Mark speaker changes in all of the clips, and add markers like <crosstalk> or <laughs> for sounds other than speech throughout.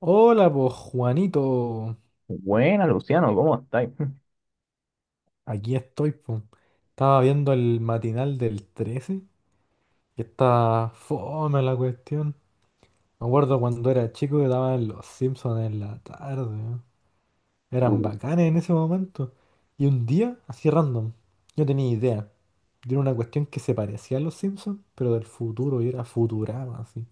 Speaker 1: Hola, pues Juanito,
Speaker 2: Buena, Luciano, ¿cómo estáis? <laughs>
Speaker 1: aquí estoy, po. Estaba viendo el matinal del 13, que está fome la cuestión. Me acuerdo cuando era chico que daban los Simpsons en la tarde, ¿no? Eran
Speaker 2: Uh,
Speaker 1: bacanes en ese momento. Y un día, así random, yo tenía idea de una cuestión que se parecía a los Simpsons, pero del futuro, y era Futurama, así.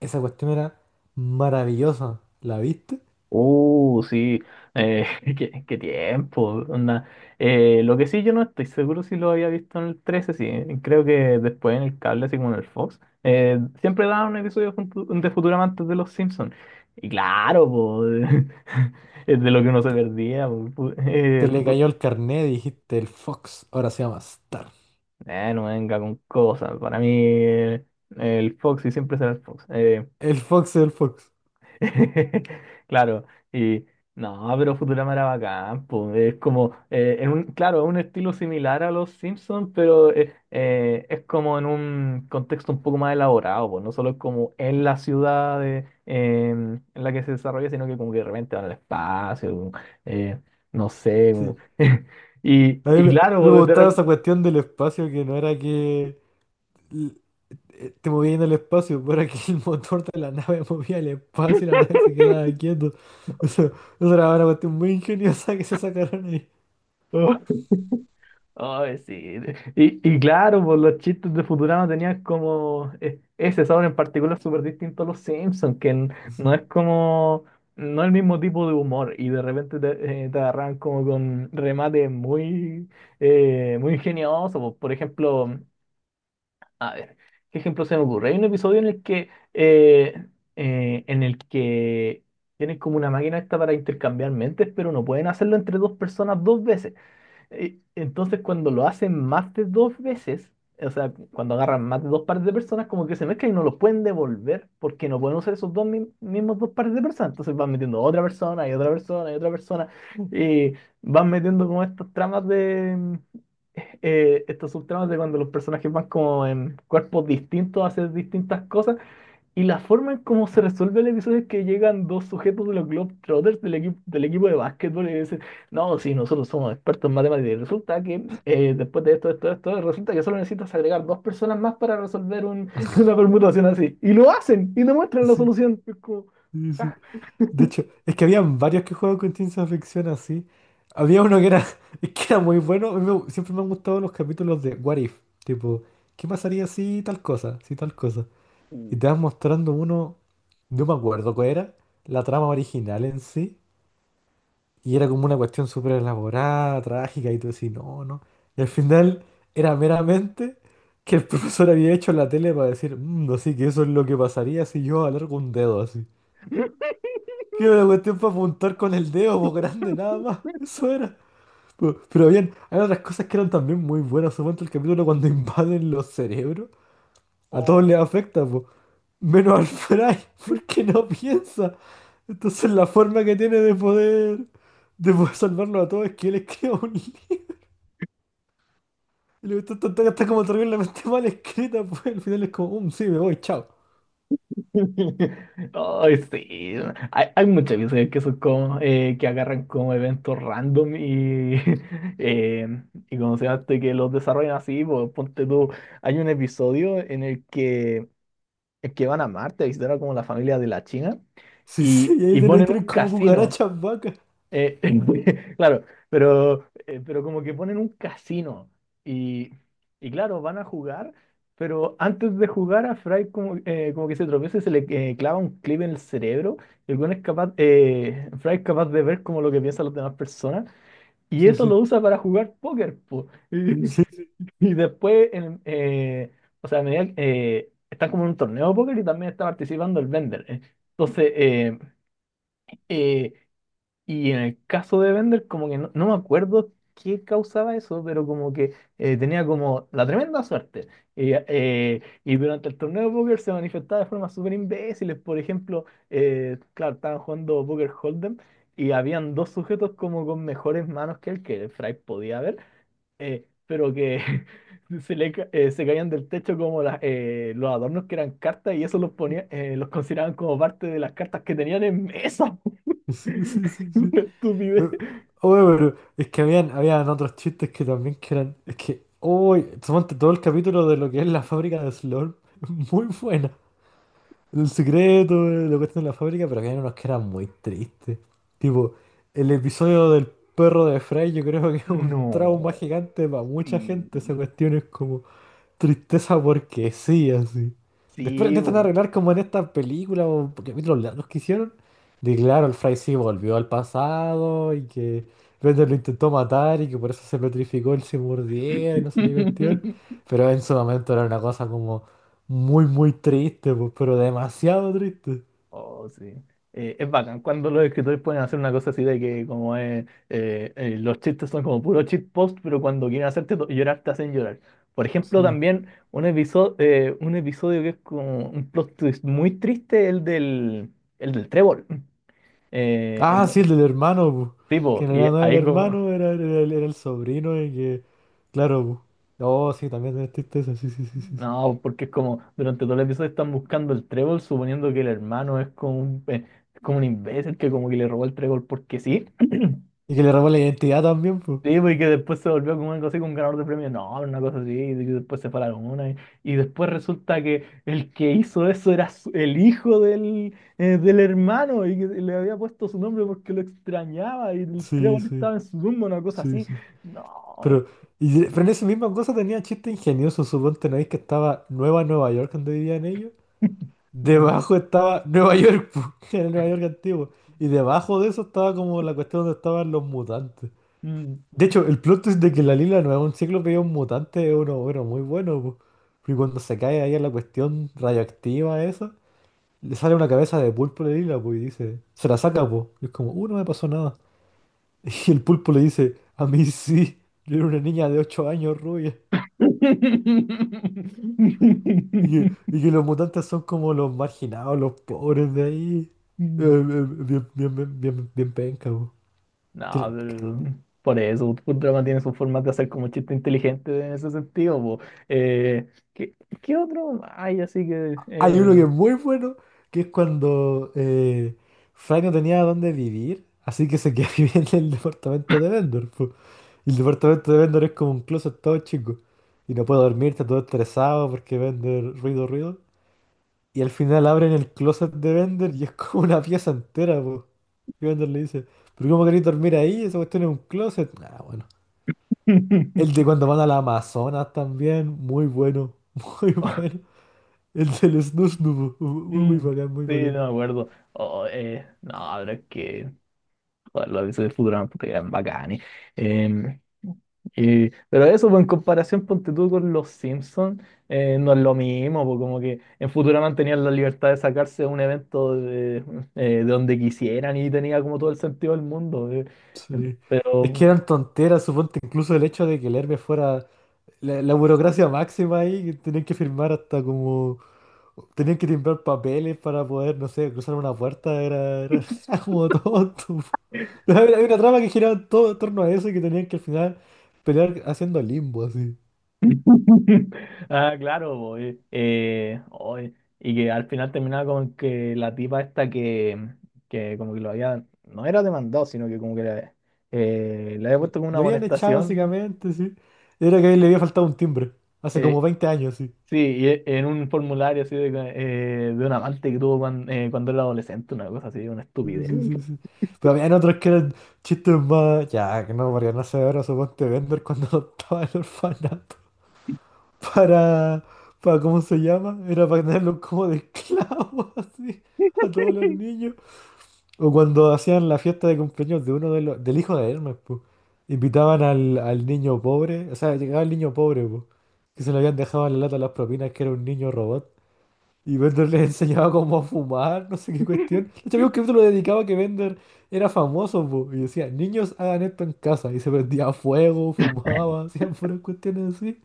Speaker 1: Esa cuestión era maravillosa, ¿la viste?
Speaker 2: sí, eh, <laughs> qué tiempo. Onda. Lo que sí, yo no estoy seguro si lo había visto en el trece, sí. Creo que después en el cable, así como en el Fox, siempre daban un episodio de Futurama antes de Los Simpsons. Y claro, po, <laughs> es de lo que uno se
Speaker 1: Te,
Speaker 2: perdía. Po,
Speaker 1: te le cayó el carnet y dijiste, el Fox ahora se llama Star.
Speaker 2: no venga con cosas. Para mí, el Fox y siempre será el Fox.
Speaker 1: El Fox, el Fox.
Speaker 2: <laughs> Claro, y no, pero Futurama era bacán, po. Es como, en un, claro, es un estilo similar a los Simpsons, pero es como en un contexto un poco más elaborado, po. No solo es como en la ciudad de, en la que se desarrolla, sino que como que de repente van al espacio, eh, no sé.
Speaker 1: Sí.
Speaker 2: <laughs> Y,
Speaker 1: A mí,
Speaker 2: y
Speaker 1: me, a mí
Speaker 2: claro,
Speaker 1: me
Speaker 2: pues, de
Speaker 1: gustaba
Speaker 2: repente.
Speaker 1: esa cuestión del espacio, que no era que l- te movías en el espacio, <laughs> pero era que el motor de la nave <laughs> movía el espacio y la nave se quedaba quieto. <laughs> O sea, eso era una cuestión muy ingeniosa que se sacaron ahí.
Speaker 2: <laughs> Ay, sí. Y claro, pues los chistes de Futurama tenían como ese sabor en particular súper distinto a los Simpsons, que n- no es
Speaker 1: <laughs>
Speaker 2: como, no es el mismo tipo de humor y de repente te, te agarran como con remates muy, muy ingeniosos. Pues, Por ejemplo, a ver, ¿qué ejemplo se me ocurre? Hay un episodio en el que tienen como una máquina esta para intercambiar mentes, pero no pueden hacerlo entre dos personas dos veces. Entonces, cuando lo hacen más de dos veces, o sea, cuando agarran más de dos pares de personas, como que se mezclan y no los pueden devolver porque no pueden usar esos dos mi- mismos dos pares de personas. Entonces van metiendo otra persona y otra persona y otra persona y van metiendo como estas tramas de, mm, estos subtramas de cuando los personajes van como en cuerpos distintos a hacer distintas cosas. Y la forma en cómo se resuelve el episodio es que llegan dos sujetos de los Globetrotters del equipo de básquetbol y dicen, no, sí, nosotros somos expertos en matemáticas. Y resulta que después de esto, esto, esto, resulta que solo necesitas agregar dos personas más para resolver un- <laughs> una permutación así. Y lo hacen y demuestran
Speaker 1: Sí,
Speaker 2: la
Speaker 1: sí,
Speaker 2: solución. Es como,
Speaker 1: sí, sí. De hecho, es que habían varios que jugaban con ciencia ficción así. Había uno que era, <laughs> es que era muy bueno. A mí me- siempre me han gustado los capítulos de What If. Tipo, ¿qué pasaría si tal cosa? Si tal cosa. Y te vas mostrando uno, no me acuerdo cuál era, la trama original en sí. Y era como una cuestión súper elaborada, trágica, y tú decís, no, no. Y al final era meramente que el <laughs> profesor había hecho la tele para decir, "Mm, así que eso es lo que pasaría si yo alargo un dedo así. Que era una cuestión para apuntar con el dedo, pues grande, nada
Speaker 2: <laughs>
Speaker 1: más. Eso era. Pero bien, hay otras cosas que eran también muy buenas. Supongo el capítulo cuando invaden los cerebros. A todos les afecta, pues. Menos al Fry, <laughs> porque no piensa. Entonces la forma que tiene de poder salvarlo a todos es que él escriba un libro. Y la cuestión está como terriblemente mal escrita, pues al final es como, sí, me voy, chao.
Speaker 2: <laughs> Ay, sí. Hay muchas veces que son como, que agarran como eventos random y, <laughs> eh, y como se llama, esto, y que los desarrollan así, pues, ponte tú, hay un episodio en el que van a Marte a visitar a como la familia de la China
Speaker 1: Sí, sí, y ahí
Speaker 2: y
Speaker 1: tenés
Speaker 2: ponen
Speaker 1: tres
Speaker 2: un
Speaker 1: como
Speaker 2: casino,
Speaker 1: cucarachas vacas.
Speaker 2: eh, <laughs> claro, pero como que ponen un casino y, y claro, van a jugar, pero antes de jugar a Fry como, como que se tropieza y se le clava un clip en el cerebro. El weón es capaz, Fry es capaz de ver como lo que piensan las demás personas y
Speaker 1: Sí,
Speaker 2: eso lo
Speaker 1: sí,
Speaker 2: usa para jugar póker, po. <laughs> Y,
Speaker 1: sí,
Speaker 2: y después, o sea, a medida, están como en un torneo de póker y también está participando el Bender. Entonces, eh, y en el caso de Bender, como que no, no me acuerdo qué causaba eso, pero como que tenía como la tremenda suerte. Y durante el torneo de póker se manifestaba de formas súper imbéciles. Por ejemplo, claro, estaban jugando Poker Hold'em y habían dos sujetos como con mejores manos que él, que el Fry podía ver, pero que <laughs> se caían del techo como las, los adornos que eran cartas y eso los ponía, los consideraban como parte de las cartas que tenían en mesa.
Speaker 1: sí, sí, sí, sí,
Speaker 2: <laughs>
Speaker 1: sí.
Speaker 2: Una
Speaker 1: Eh,
Speaker 2: estupidez.
Speaker 1: Oye, pero es que habían otros chistes que también que eran, es que, uy, suponte todo el capítulo de lo que es la fábrica de Slurm, <laughs> muy buena. El secreto, lo cuestión en la fábrica, pero había unos que eran muy tristes. Tipo, el episodio del perro de Fry, yo creo que es un trauma
Speaker 2: No,
Speaker 1: gigante para mucha
Speaker 2: sí,
Speaker 1: gente. Esa cuestión es como, tristeza porque sí, así. Después
Speaker 2: sí,
Speaker 1: intentan
Speaker 2: bo.
Speaker 1: arreglar como en esta película o capítulos largos que hicieron. De claro, el Fry sí volvió al pasado y que Bender lo intentó matar y que por eso se petrificó, él se mordía y no sé qué cuestión.
Speaker 2: <laughs>
Speaker 1: Pero en su momento era una cosa como muy triste, pues, pero demasiado triste.
Speaker 2: Oh, sí. Es bacán cuando los escritores pueden hacer una cosa así de que como es, los chistes son como puro cheat post, pero cuando quieren hacerte llorar te hacen llorar. Por ejemplo,
Speaker 1: Sí.
Speaker 2: también un episodio que es como un plot twist muy triste, el del trébol. Eh,
Speaker 1: Ah, sí,
Speaker 2: en-
Speaker 1: el del hermano, pues, que
Speaker 2: Tipo,
Speaker 1: en
Speaker 2: y
Speaker 1: realidad no era el
Speaker 2: ahí como,
Speaker 1: hermano, el era el sobrino y que, claro, pues. Oh, sí, también es tristeza, sí, sí, sí, sí, sí.
Speaker 2: no, porque es como durante todo el episodio están buscando el trébol, suponiendo que el hermano es como es como un imbécil que como que le robó el trébol porque sí.
Speaker 1: Y que le robó la identidad también, pues.
Speaker 2: Sí, pues, y que después se volvió como algo así, como un ganador de premios. No, una cosa así, y que después se fue a la luna. Y después resulta que el que hizo eso el hijo del, del hermano y que le había puesto su nombre porque lo extrañaba y el
Speaker 1: Sí,
Speaker 2: trébol
Speaker 1: sí,
Speaker 2: estaba en su tumba, una cosa
Speaker 1: sí,
Speaker 2: así.
Speaker 1: sí.
Speaker 2: No.
Speaker 1: Pero, y- pero en esa misma cosa tenía chiste ingenioso. Suponte, ¿no veis que estaba Nueva Nueva York donde vivían ellos? Debajo estaba Nueva York, pues, <laughs> que era Nueva York antiguo. Y debajo de eso estaba como la cuestión donde estaban los mutantes.
Speaker 2: Mm,
Speaker 1: De hecho, el plot twist de que la Lila no es un cíclope y es un mutante es uno, bueno, muy bueno, pues. Y cuando se cae ahí a la cuestión radioactiva esa, le sale una cabeza de pulpo a la Lila, pues, y dice, se la saca, pues. Y es como, no me pasó nada. Y el pulpo le dice, a mí sí, yo era una niña de 8 años rubia.
Speaker 2: mm.
Speaker 1: Y
Speaker 2: <laughs>
Speaker 1: que los mutantes son como los marginados, los pobres de ahí. Bien, bien, bien, bien, bien penca, po.
Speaker 2: No,
Speaker 1: Tiene-
Speaker 2: pero por eso, Futurama tiene sus formas de hacer como chiste inteligente en ese sentido, po. Eh, ¿Qué, qué otro hay así que...
Speaker 1: Hay uno que es muy bueno, que es cuando Fry no tenía dónde vivir, así que se quedó <laughs> viviendo en el departamento de Vendor, po. Y el departamento de Vendor es como un closet todo chico. Y no puede dormir, está todo estresado porque Vendor ruido, ruido. Y al final abren el closet de Bender y es como una pieza entera, po. Y Bender le dice, ¿pero cómo queréis dormir ahí? Esa cuestión es un closet. Ah, bueno. El de
Speaker 2: <laughs>
Speaker 1: cuando van a la Amazonas también, muy bueno, <laughs> muy bueno. El del Snus, muy
Speaker 2: Mm,
Speaker 1: bacán, muy
Speaker 2: sí,
Speaker 1: bacán.
Speaker 2: no me acuerdo. Oh, no, pero es que... Los avisos de Futurama, puta, que eran bacanes. Em, pero eso, pues, en comparación, ponte tú con los Simpsons, no es lo mismo, pues, como que en Futurama tenían la libertad de sacarse un evento de donde quisieran y tenía como todo el sentido del mundo.
Speaker 1: Sí. Es
Speaker 2: Pero,
Speaker 1: que eran tonteras, suponte, incluso el hecho de que el Hermes fuera la burocracia máxima ahí, que tenían que firmar hasta como tenían que timbrar papeles para poder, no sé, cruzar una puerta, era, era <laughs> era como tonto. <laughs> Hay una trama que giraba todo en torno a eso y que tenían que al final pelear haciendo limbo, así.
Speaker 2: <laughs> ah, claro, pues, oye, y que al final terminaba con que la tipa esta que como que lo había, no era demandado, sino que como que la, le había puesto como una
Speaker 1: Lo habían echado
Speaker 2: amonestación.
Speaker 1: básicamente, sí. Era que a él le había faltado un timbre, hace como
Speaker 2: Eh,
Speaker 1: 20 años, sí.
Speaker 2: sí, y en un formulario así de un amante que tuvo cuando, cuando era adolescente, una cosa así, una
Speaker 1: Sí,
Speaker 2: estupidez.
Speaker 1: sí, sí, sí. Pero habían otros que eran chistes más, ya, que no, Mariana Severo, suponte vender cuando <laughs> estaba en el orfanato. para, ¿Cómo se llama? Era para tenerlos como de esclavos, <laughs> así, a todos los
Speaker 2: <laughs>
Speaker 1: niños. O cuando hacían la fiesta de cumpleaños de uno de los, del hijo de Hermes, pues. Invitaban al, al niño pobre, o sea, llegaba el niño pobre, pues, que se le habían dejado en la lata las propinas, que era un niño robot. Y Bender les enseñaba cómo a fumar, no sé qué cuestión. De hecho, había un capítulo dedicado a que Bender era famoso, pues, y decía, niños hagan esto en casa. Y se prendía fuego, fumaba, <laughs> hacían puras cuestiones así.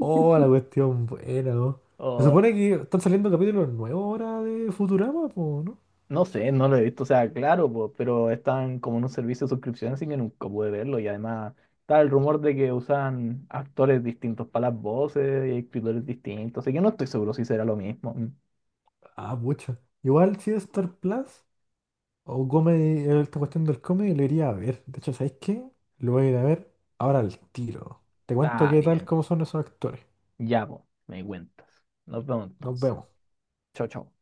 Speaker 1: Oh, la cuestión buena, ¿no? Se
Speaker 2: O,
Speaker 1: supone que están saliendo capítulos nuevos ahora de Futurama, po, ¿no?
Speaker 2: no sé, no lo he visto, o sea, claro, po, pero están como en un servicio de suscripción, así que nunca pude verlo. Y además está el rumor de que usan actores distintos para las voces y escritores distintos, así que no estoy seguro si será lo mismo. Mm.
Speaker 1: Ah, pucha. Igual si es Star Plus o Comedy, esta cuestión del comedy lo iría a ver. De hecho, ¿sabéis qué? Lo voy a ir a ver ahora al tiro. Te cuento
Speaker 2: Está
Speaker 1: qué tal,
Speaker 2: bien,
Speaker 1: cómo son esos actores.
Speaker 2: ya, po, me cuentas. Nos vemos
Speaker 1: Nos
Speaker 2: entonces.
Speaker 1: vemos.
Speaker 2: Chao, chao.